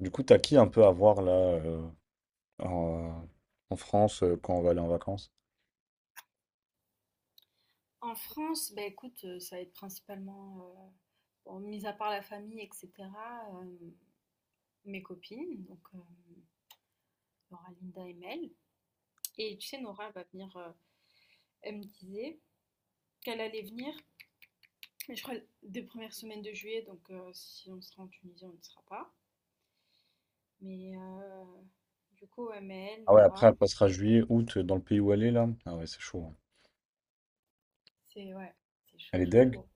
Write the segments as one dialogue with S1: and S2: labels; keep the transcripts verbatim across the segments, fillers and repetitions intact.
S1: Du coup, t'as qui un peu à voir là euh, en, en France euh, quand on va aller en vacances?
S2: En France, bah écoute, heu, ça va être principalement, heu, bon, mis à part la famille et cetera, hem, mes copines, donc hem, Laura, Linda et Mel. Et tu sais, Nora va venir, heu, elle me disait qu'elle allait venir, mais je crois des premières semaines de juillet, donc heu, si on sera en Tunisie, on ne sera pas. Mais heu, du coup, ouais, Mel,
S1: Ah ouais, après
S2: Nora,
S1: elle passera juillet, août euh, dans le pays où elle est là. Ah ouais, c'est chaud, hein.
S2: c'est ouais, c'est
S1: Elle
S2: chaud,
S1: est
S2: chaud,
S1: deg.
S2: chaud.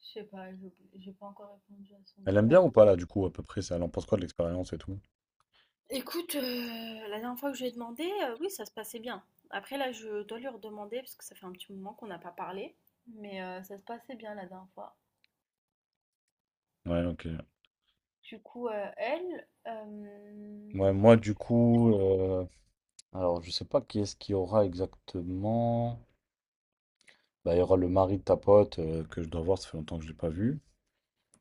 S2: Je sais pas, j'ai j'ai pas encore répondu à son
S1: Elle aime bien
S2: vocal.
S1: ou pas là du coup à peu près ça? Elle en pense quoi de l'expérience et tout?
S2: Écoute, heu, la dernière fois que je lui ai demandé, heu, oui, ça se passait bien. Après là, je dois lui redemander parce que ça fait un petit moment qu'on n'a pas parlé, mais heu, ça se passait bien la dernière fois.
S1: Ouais, ok.
S2: Du coup, heu, elle, hem,
S1: Ouais, moi du coup, euh, alors je sais pas qui est-ce qu'il y aura exactement. Bah, il y aura le mari de ta pote euh, que je dois voir, ça fait longtemps que je l'ai pas vu.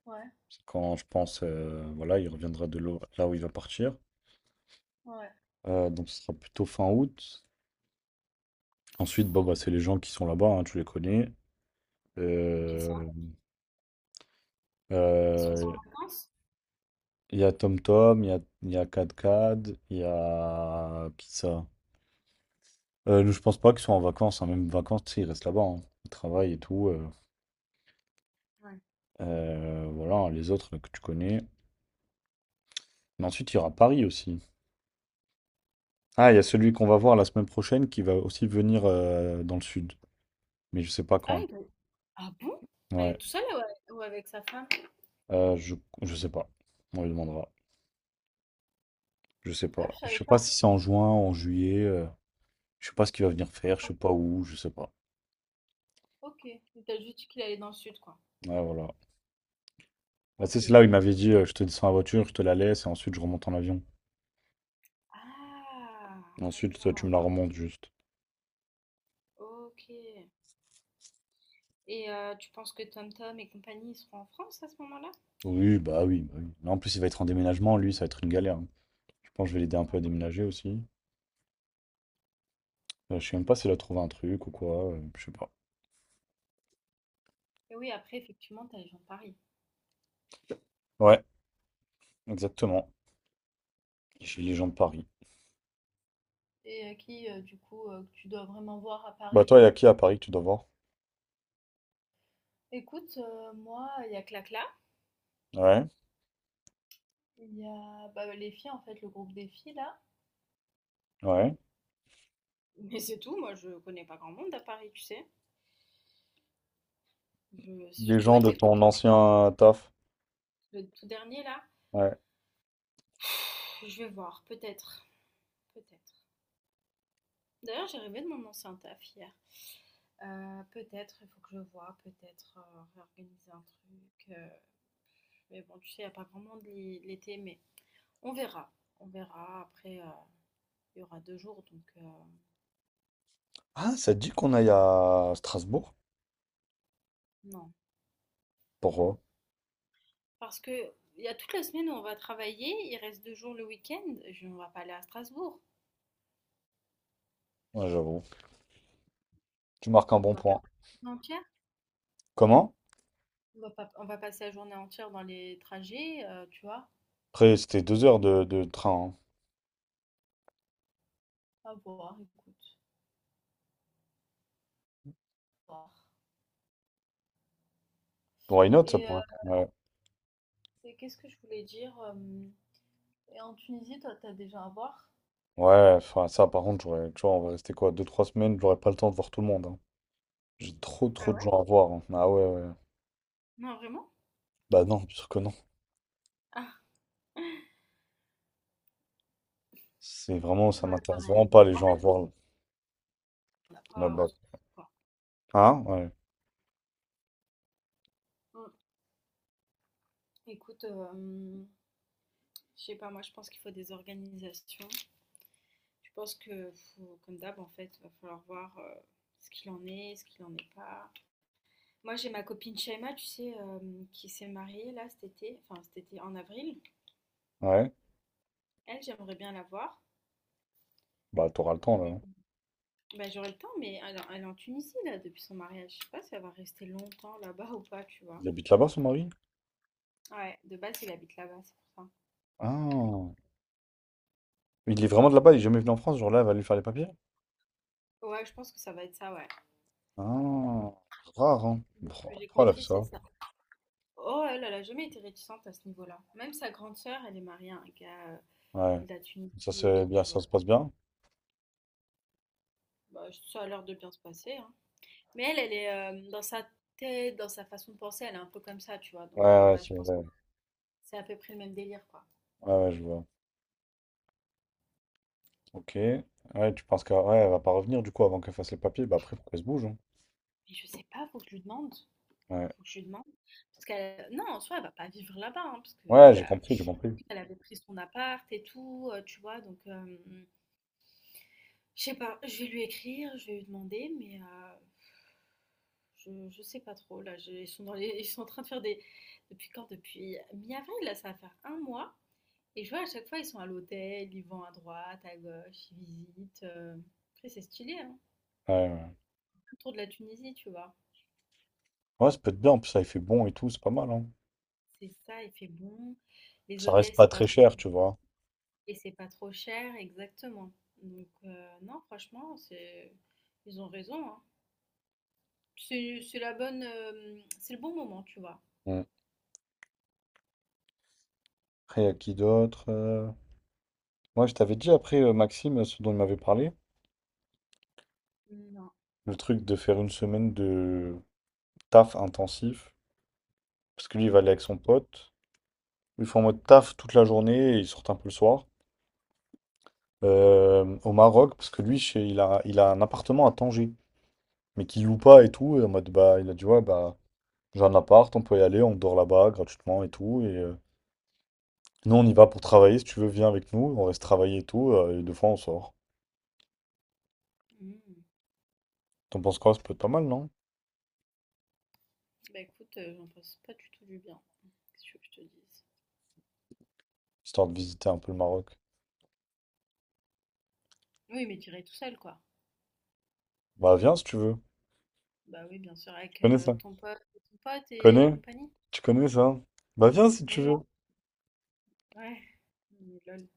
S2: ouais,
S1: C'est quand je pense, euh, voilà, il reviendra de l'eau- là où il va partir.
S2: ouais,
S1: Euh, donc ce sera plutôt fin août. Ensuite, bon, bah, c'est les gens qui sont là-bas, hein, tu les connais.
S2: c'est ça.
S1: Euh,
S2: Ils sont pas
S1: euh,
S2: en vacances?
S1: Il y a TomTom, il y a, il y a KatKat, il y a... Qui ça? Euh, nous, je pense pas qu'ils soient en vacances, hein. Même vacances, tu sais, ils restent là-bas, hein. Ils travaillent et tout. Euh,
S2: Ouais.
S1: Euh, voilà, hein, les autres que tu connais. Mais ensuite, il y aura Paris aussi. Ah, il y a celui qu'on va voir la semaine prochaine qui va aussi venir euh, dans le sud. Mais je sais pas
S2: Ah,
S1: quand.
S2: ils doivent ah bon? Elle est
S1: Ouais.
S2: toute seule ou a ou avec sa femme?
S1: Euh, je, je sais pas. On lui demandera. Je sais
S2: Ah,
S1: pas.
S2: je
S1: Je
S2: savais
S1: sais pas
S2: pas.
S1: si c'est en juin, en juillet. Euh. Je sais pas ce qu'il va venir faire, je sais
S2: OK,
S1: pas où, je sais pas.
S2: OK. Il t'a juste dit qu'il allait dans le sud, quoi.
S1: Ouais, voilà. Bah, tu sais, c'est là
S2: OK.
S1: où il m'avait dit euh, je te descends la voiture, je te la laisse et ensuite je remonte en avion.
S2: Ah,
S1: Et ensuite, toi, tu me
S2: d'accord.
S1: la remontes juste.
S2: OK. Et heu, tu penses que TomTom et compagnie, ils seront en France à ce moment-là?
S1: Oui, bah oui, bah oui. Là, en plus, il va être en déménagement, lui, ça va être une galère, hein. Je pense que je vais l'aider un
S2: Ah
S1: peu à
S2: oui.
S1: déménager aussi. Euh, je sais même pas s'il a trouvé un truc ou quoi, euh, je sais pas.
S2: Et oui, après effectivement, tu as les gens de Paris
S1: Ouais, exactement. Chez les gens de Paris.
S2: et heu, qui, heu, du coup, heu, que tu dois vraiment voir à
S1: Bah
S2: Paris.
S1: toi, il y a qui à Paris que tu dois voir?
S2: Écoute, heu, moi, il y a Clacla,
S1: Ouais,
S2: il y a, bah, les filles en fait, le groupe des filles là.
S1: ouais.
S2: Mais c'est tout, moi je connais pas grand monde à Paris, tu sais? Je
S1: Les
S2: surtout
S1: gens
S2: elle
S1: de
S2: mes
S1: ton
S2: copines.
S1: ancien euh, taf.
S2: Le tout dernier là?
S1: Ouais.
S2: Je vais voir, peut-être, peut-être. D'ailleurs, j'ai rêvé de mon ancien taf hier. Heu, peut-être, il faut que je voie, peut-être, heu, réorganiser un truc, heu mais bon, tu sais, il n'y a pas grand monde l'hi- l'été, mais on verra. On verra. Après, euh, il y aura deux jours, donc euh,
S1: Ah, ça te dit qu'on aille à Strasbourg?
S2: non.
S1: Pourquoi?
S2: Parce que il y a toute la semaine où on va travailler, il reste deux jours le week-end, je- on va pas aller à Strasbourg.
S1: Ouais, j'avoue. Tu marques un
S2: On
S1: bon
S2: va
S1: point.
S2: perdre la journée entière.
S1: Comment?
S2: On va pas- On va passer la journée entière dans les trajets, euh, tu vois.
S1: Après, c'était deux heures de, de train, hein.
S2: À voir, écoute. À voir.
S1: Why not, ça
S2: Et, euh,
S1: pourrait. Ouais,
S2: et qu'est-ce que je voulais dire euh, et en Tunisie, toi, t'as déjà à voir.
S1: ouais, enfin, ça, par contre, j'aurais, tu vois, on va rester quoi, deux, trois semaines, j'aurais pas le temps de voir tout le monde, hein. J'ai trop, trop
S2: Ah
S1: de
S2: ouais?
S1: gens à voir, hein. Ah ouais, ouais.
S2: Non, vraiment?
S1: Bah non, bien sûr que non.
S2: Ah,
S1: C'est vraiment, ça
S2: ouais,
S1: m'intéresse
S2: pareil.
S1: vraiment pas, les
S2: En
S1: gens à
S2: fait,
S1: voir
S2: on n'a pas, on
S1: là-bas.
S2: s'en fout, quoi.
S1: Hein? Ouais.
S2: Mm. Écoute, euh, je sais pas, moi je pense qu'il faut des organisations. Je pense que, faut- comme d'hab, en fait, va falloir voir euh, ce qu'il en est, ce qu'il en est pas. Moi j'ai ma copine Shaima, tu sais, euh, qui s'est mariée là cet été, enfin cet été en avril.
S1: Ouais.
S2: Elle, j'aimerais bien la voir.
S1: Bah, t'auras le temps, là,
S2: Et
S1: hein.
S2: bah, j'aurai le temps, mais elle, elle est en Tunisie là depuis son mariage. Je sais pas si elle va rester longtemps là-bas ou pas, tu vois.
S1: Il habite là-bas, son mari?
S2: Ouais, de base, il habite là-bas, c'est pour ça.
S1: Ah. Il est vraiment de là-bas, il est jamais venu en France, genre là, elle va lui faire les papiers?
S2: Ouais, je pense que ça va être ça, ouais.
S1: Ah. Rare, hein.
S2: De ce que j'ai
S1: Pourquoi elle a fait
S2: compris, c'est
S1: ça?
S2: ça. Oh, elle, elle a jamais été réticente à ce niveau-là. Même sa grande sœur, elle est mariée à un gars euh,
S1: Ouais.
S2: de la
S1: Ça,
S2: Tunisie et
S1: c'est
S2: tout,
S1: bien,
S2: tu
S1: ça
S2: vois.
S1: se passe bien?
S2: Bah, ça a l'air de bien se passer, hein. Mais elle, elle est euh, dans sa tête, dans sa façon de penser, elle est un peu comme ça, tu vois.
S1: Ouais,
S2: Donc, euh,
S1: ouais,
S2: ouais, je
S1: c'est
S2: pense que
S1: vrai.
S2: c'est à peu près le même délire, quoi.
S1: Ouais, ouais, je vois. Ok. Ouais, tu penses qu'elle ouais, elle va pas revenir du coup avant qu'elle fasse les papiers? Bah après, faut qu'elle se bouge, hein.
S2: Mais je sais pas, faut que je lui demande.
S1: Ouais,
S2: Faut que je lui demande. Parce qu'elle, non, en soi, elle va pas vivre là-bas, hein, parce qu'elle
S1: ouais, j'ai
S2: a...
S1: compris, j'ai compris.
S2: elle avait pris son appart et tout, euh, tu vois. Donc, euh, je sais pas, je vais lui écrire, je vais lui demander, mais euh, je, je sais pas trop. Là, je- ils sont dans les- ils sont en train de faire des. Depuis quand? Depuis mi-avril, là, ça va faire un mois. Et je vois à chaque fois, ils sont à l'hôtel, ils vont à droite, à gauche, ils visitent. euh. Après, c'est stylé, hein.
S1: Ouais, ouais.
S2: Autour de la Tunisie, tu vois.
S1: Ouais, ça peut être bien. En plus, ça, il fait bon et tout, c'est pas mal, hein.
S2: C'est ça, il fait bon. Les
S1: Ça reste
S2: hôtels, c'est
S1: pas
S2: pas
S1: très
S2: trop.
S1: cher, tu vois.
S2: Et c'est pas trop cher, exactement. Donc, euh, non, franchement, c'est. Ils ont raison, hein. C'est c'est la bonne. euh, C'est le bon moment, tu vois.
S1: Mm. Après, y a qui d'autre? euh Ouais, je t'avais dit après, euh, Maxime, euh, ce dont il m'avait parlé,
S2: Non.
S1: le truc de faire une semaine de taf intensif. Parce que lui, il va aller avec son pote. Ils font en mode taf toute la journée et ils sortent un peu le soir. Euh, au Maroc, parce que lui, chez- il a, il a un appartement à Tanger, mais qui loue pas et tout. Et en mode, bah, il a dit, ouais, bah, j'ai un appart, on peut y aller, on dort là-bas gratuitement et tout. Et euh, nous, on y va pour travailler. Si tu veux, viens avec nous, on reste travailler et tout, euh, et deux fois, on sort.
S2: Mmh.
S1: T'en penses quoi? Ça peut être pas mal, non?
S2: Bah écoute, euh, j'en pense pas du tout du bien. Qu'est-ce que tu veux que je te dise?
S1: Histoire de visiter un peu le Maroc.
S2: Oui, mais tu irais tout seul, quoi.
S1: Bah, viens si tu veux.
S2: Bah oui, bien sûr,
S1: Tu
S2: avec
S1: connais
S2: euh,
S1: ça?
S2: ton pote, ton pote et
S1: Connais?
S2: compagnie.
S1: Tu connais ça? Bah, viens si
S2: Oui,
S1: tu veux.
S2: oui, ouais. Mais lol.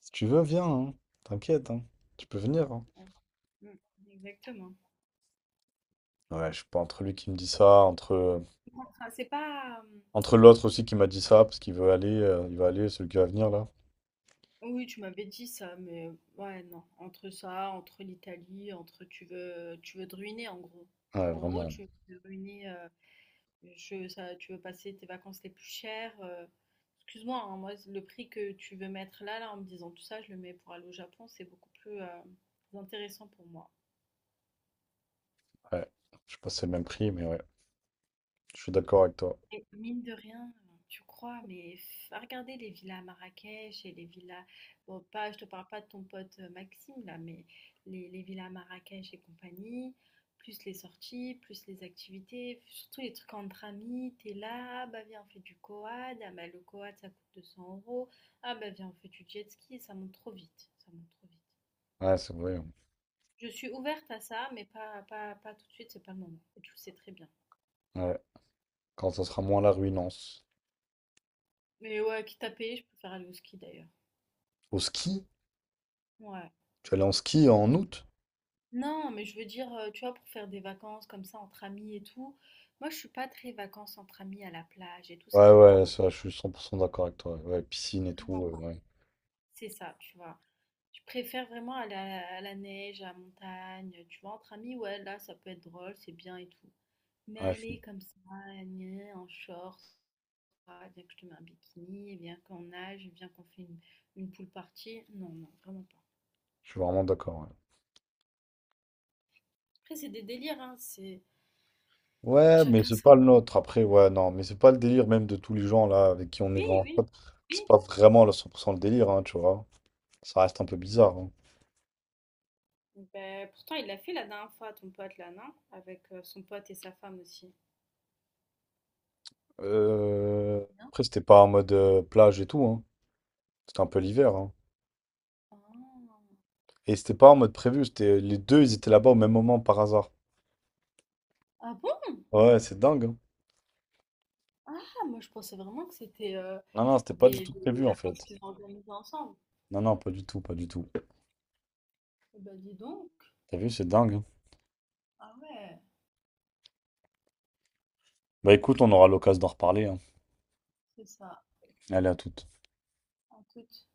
S1: Si tu veux, viens, hein. T'inquiète, hein. Tu peux venir, hein.
S2: Ouais. Mmh, exactement.
S1: Ouais, je suis pas entre lui qui me dit ça, entre, euh,
S2: Enfin, c'est pas. euh,
S1: entre l'autre aussi qui m'a dit ça, parce qu'il veut aller, euh, il va aller, celui qui va venir là.
S2: Oui, tu m'avais dit ça, mais ouais, non. Entre ça, entre l'Italie, entre tu veux, tu veux te ruiner, en gros.
S1: Ouais,
S2: En gros,
S1: vraiment.
S2: tu veux te ruiner. euh, Je ça tu veux passer tes vacances les plus chères, heu, excuse-moi, hein, moi le prix que tu veux mettre là, là, en me disant tout ça, je le mets pour aller au Japon, c'est beaucoup plus, heu, intéressant pour moi.
S1: Ouais, je sais pas si c'est le même prix, mais ouais, je suis d'accord avec toi.
S2: Et mine de rien, tu crois, mais f à les villas à Marrakech et les villas bon pas je te parle pas de ton pote, heu, Maxime là, mais les les villas à Marrakech et compagnie, plus les sorties, plus les activités, surtout les trucs entre amis, t'es là: «Ah bah viens, on fait du quad, ah bah le quad ça coûte deux cents euros, ah bah viens, on fait du jet ski», ça monte trop vite, ça monte trop vite.
S1: Ouais, c'est vrai, hein.
S2: Je suis ouverte à ça, mais pas pas pas tout de suite, c'est pas le moment et tu le sais très bien.
S1: Ouais, quand ça sera moins la ruinance.
S2: Mais ouais, quitte à payer, je préfère aller au ski d'ailleurs.
S1: Au ski?
S2: Ouais.
S1: Tu allais en ski en août?
S2: Non, mais je veux dire, euh, tu vois, pour faire des vacances comme ça entre amis et tout. Moi, je suis pas très vacances entre amis à la plage et tout, c'est
S1: Ouais,
S2: pas mon
S1: ouais,
S2: délire.
S1: ça, je suis cent pour cent d'accord avec toi. Ouais, piscine et
S2: Vraiment
S1: tout, euh,
S2: pas.
S1: ouais.
S2: C'est ça, tu vois. Je préfère vraiment aller à la, à la neige, à la montagne, tu vois, entre amis, ouais, là, ça peut être drôle, c'est bien et tout. Mais
S1: Ouais, je suis,
S2: aller comme ça, gna, en short, ah, viens que je te mets un bikini, viens qu'on nage, viens qu'on fait une, une pool party. Non, non, vraiment pas.
S1: je suis vraiment d'accord. Ouais.
S2: Après, c'est des délires, hein, c'est
S1: Ouais, mais
S2: chacun
S1: c'est
S2: sa...
S1: pas le nôtre. Après, ouais, non, mais c'est pas le délire même de tous les gens là avec qui on est
S2: Oui,
S1: vraiment
S2: oui.
S1: potes. C'est pas vraiment le cent pour cent le délire, hein, tu vois. Ça reste un peu bizarre, hein.
S2: Ben, pourtant, il l'a fait la dernière fois, ton pote là, non? Avec euh, son pote et sa femme aussi.
S1: Euh,
S2: Non.
S1: après, c'était pas en mode euh, plage et tout, hein. C'était un peu l'hiver, hein.
S2: Ah,
S1: Et c'était pas en mode prévu, c'était euh, les deux, ils étaient là-bas au même moment par hasard.
S2: ah bon?
S1: Ouais, c'est dingue, hein.
S2: Ah, moi je pensais vraiment que c'était euh,
S1: Non, non, c'était pas
S2: des,
S1: du tout
S2: des
S1: prévu en
S2: vacances
S1: fait.
S2: qu'ils ont organisées ensemble.
S1: Non, non, pas du tout, pas du tout.
S2: Eh ben dis donc.
S1: T'as vu, c'est dingue, hein.
S2: Ah ouais,
S1: Bah écoute, on aura l'occasion d'en reparler, hein.
S2: c'est ça,
S1: Allez, à toute.
S2: en toute.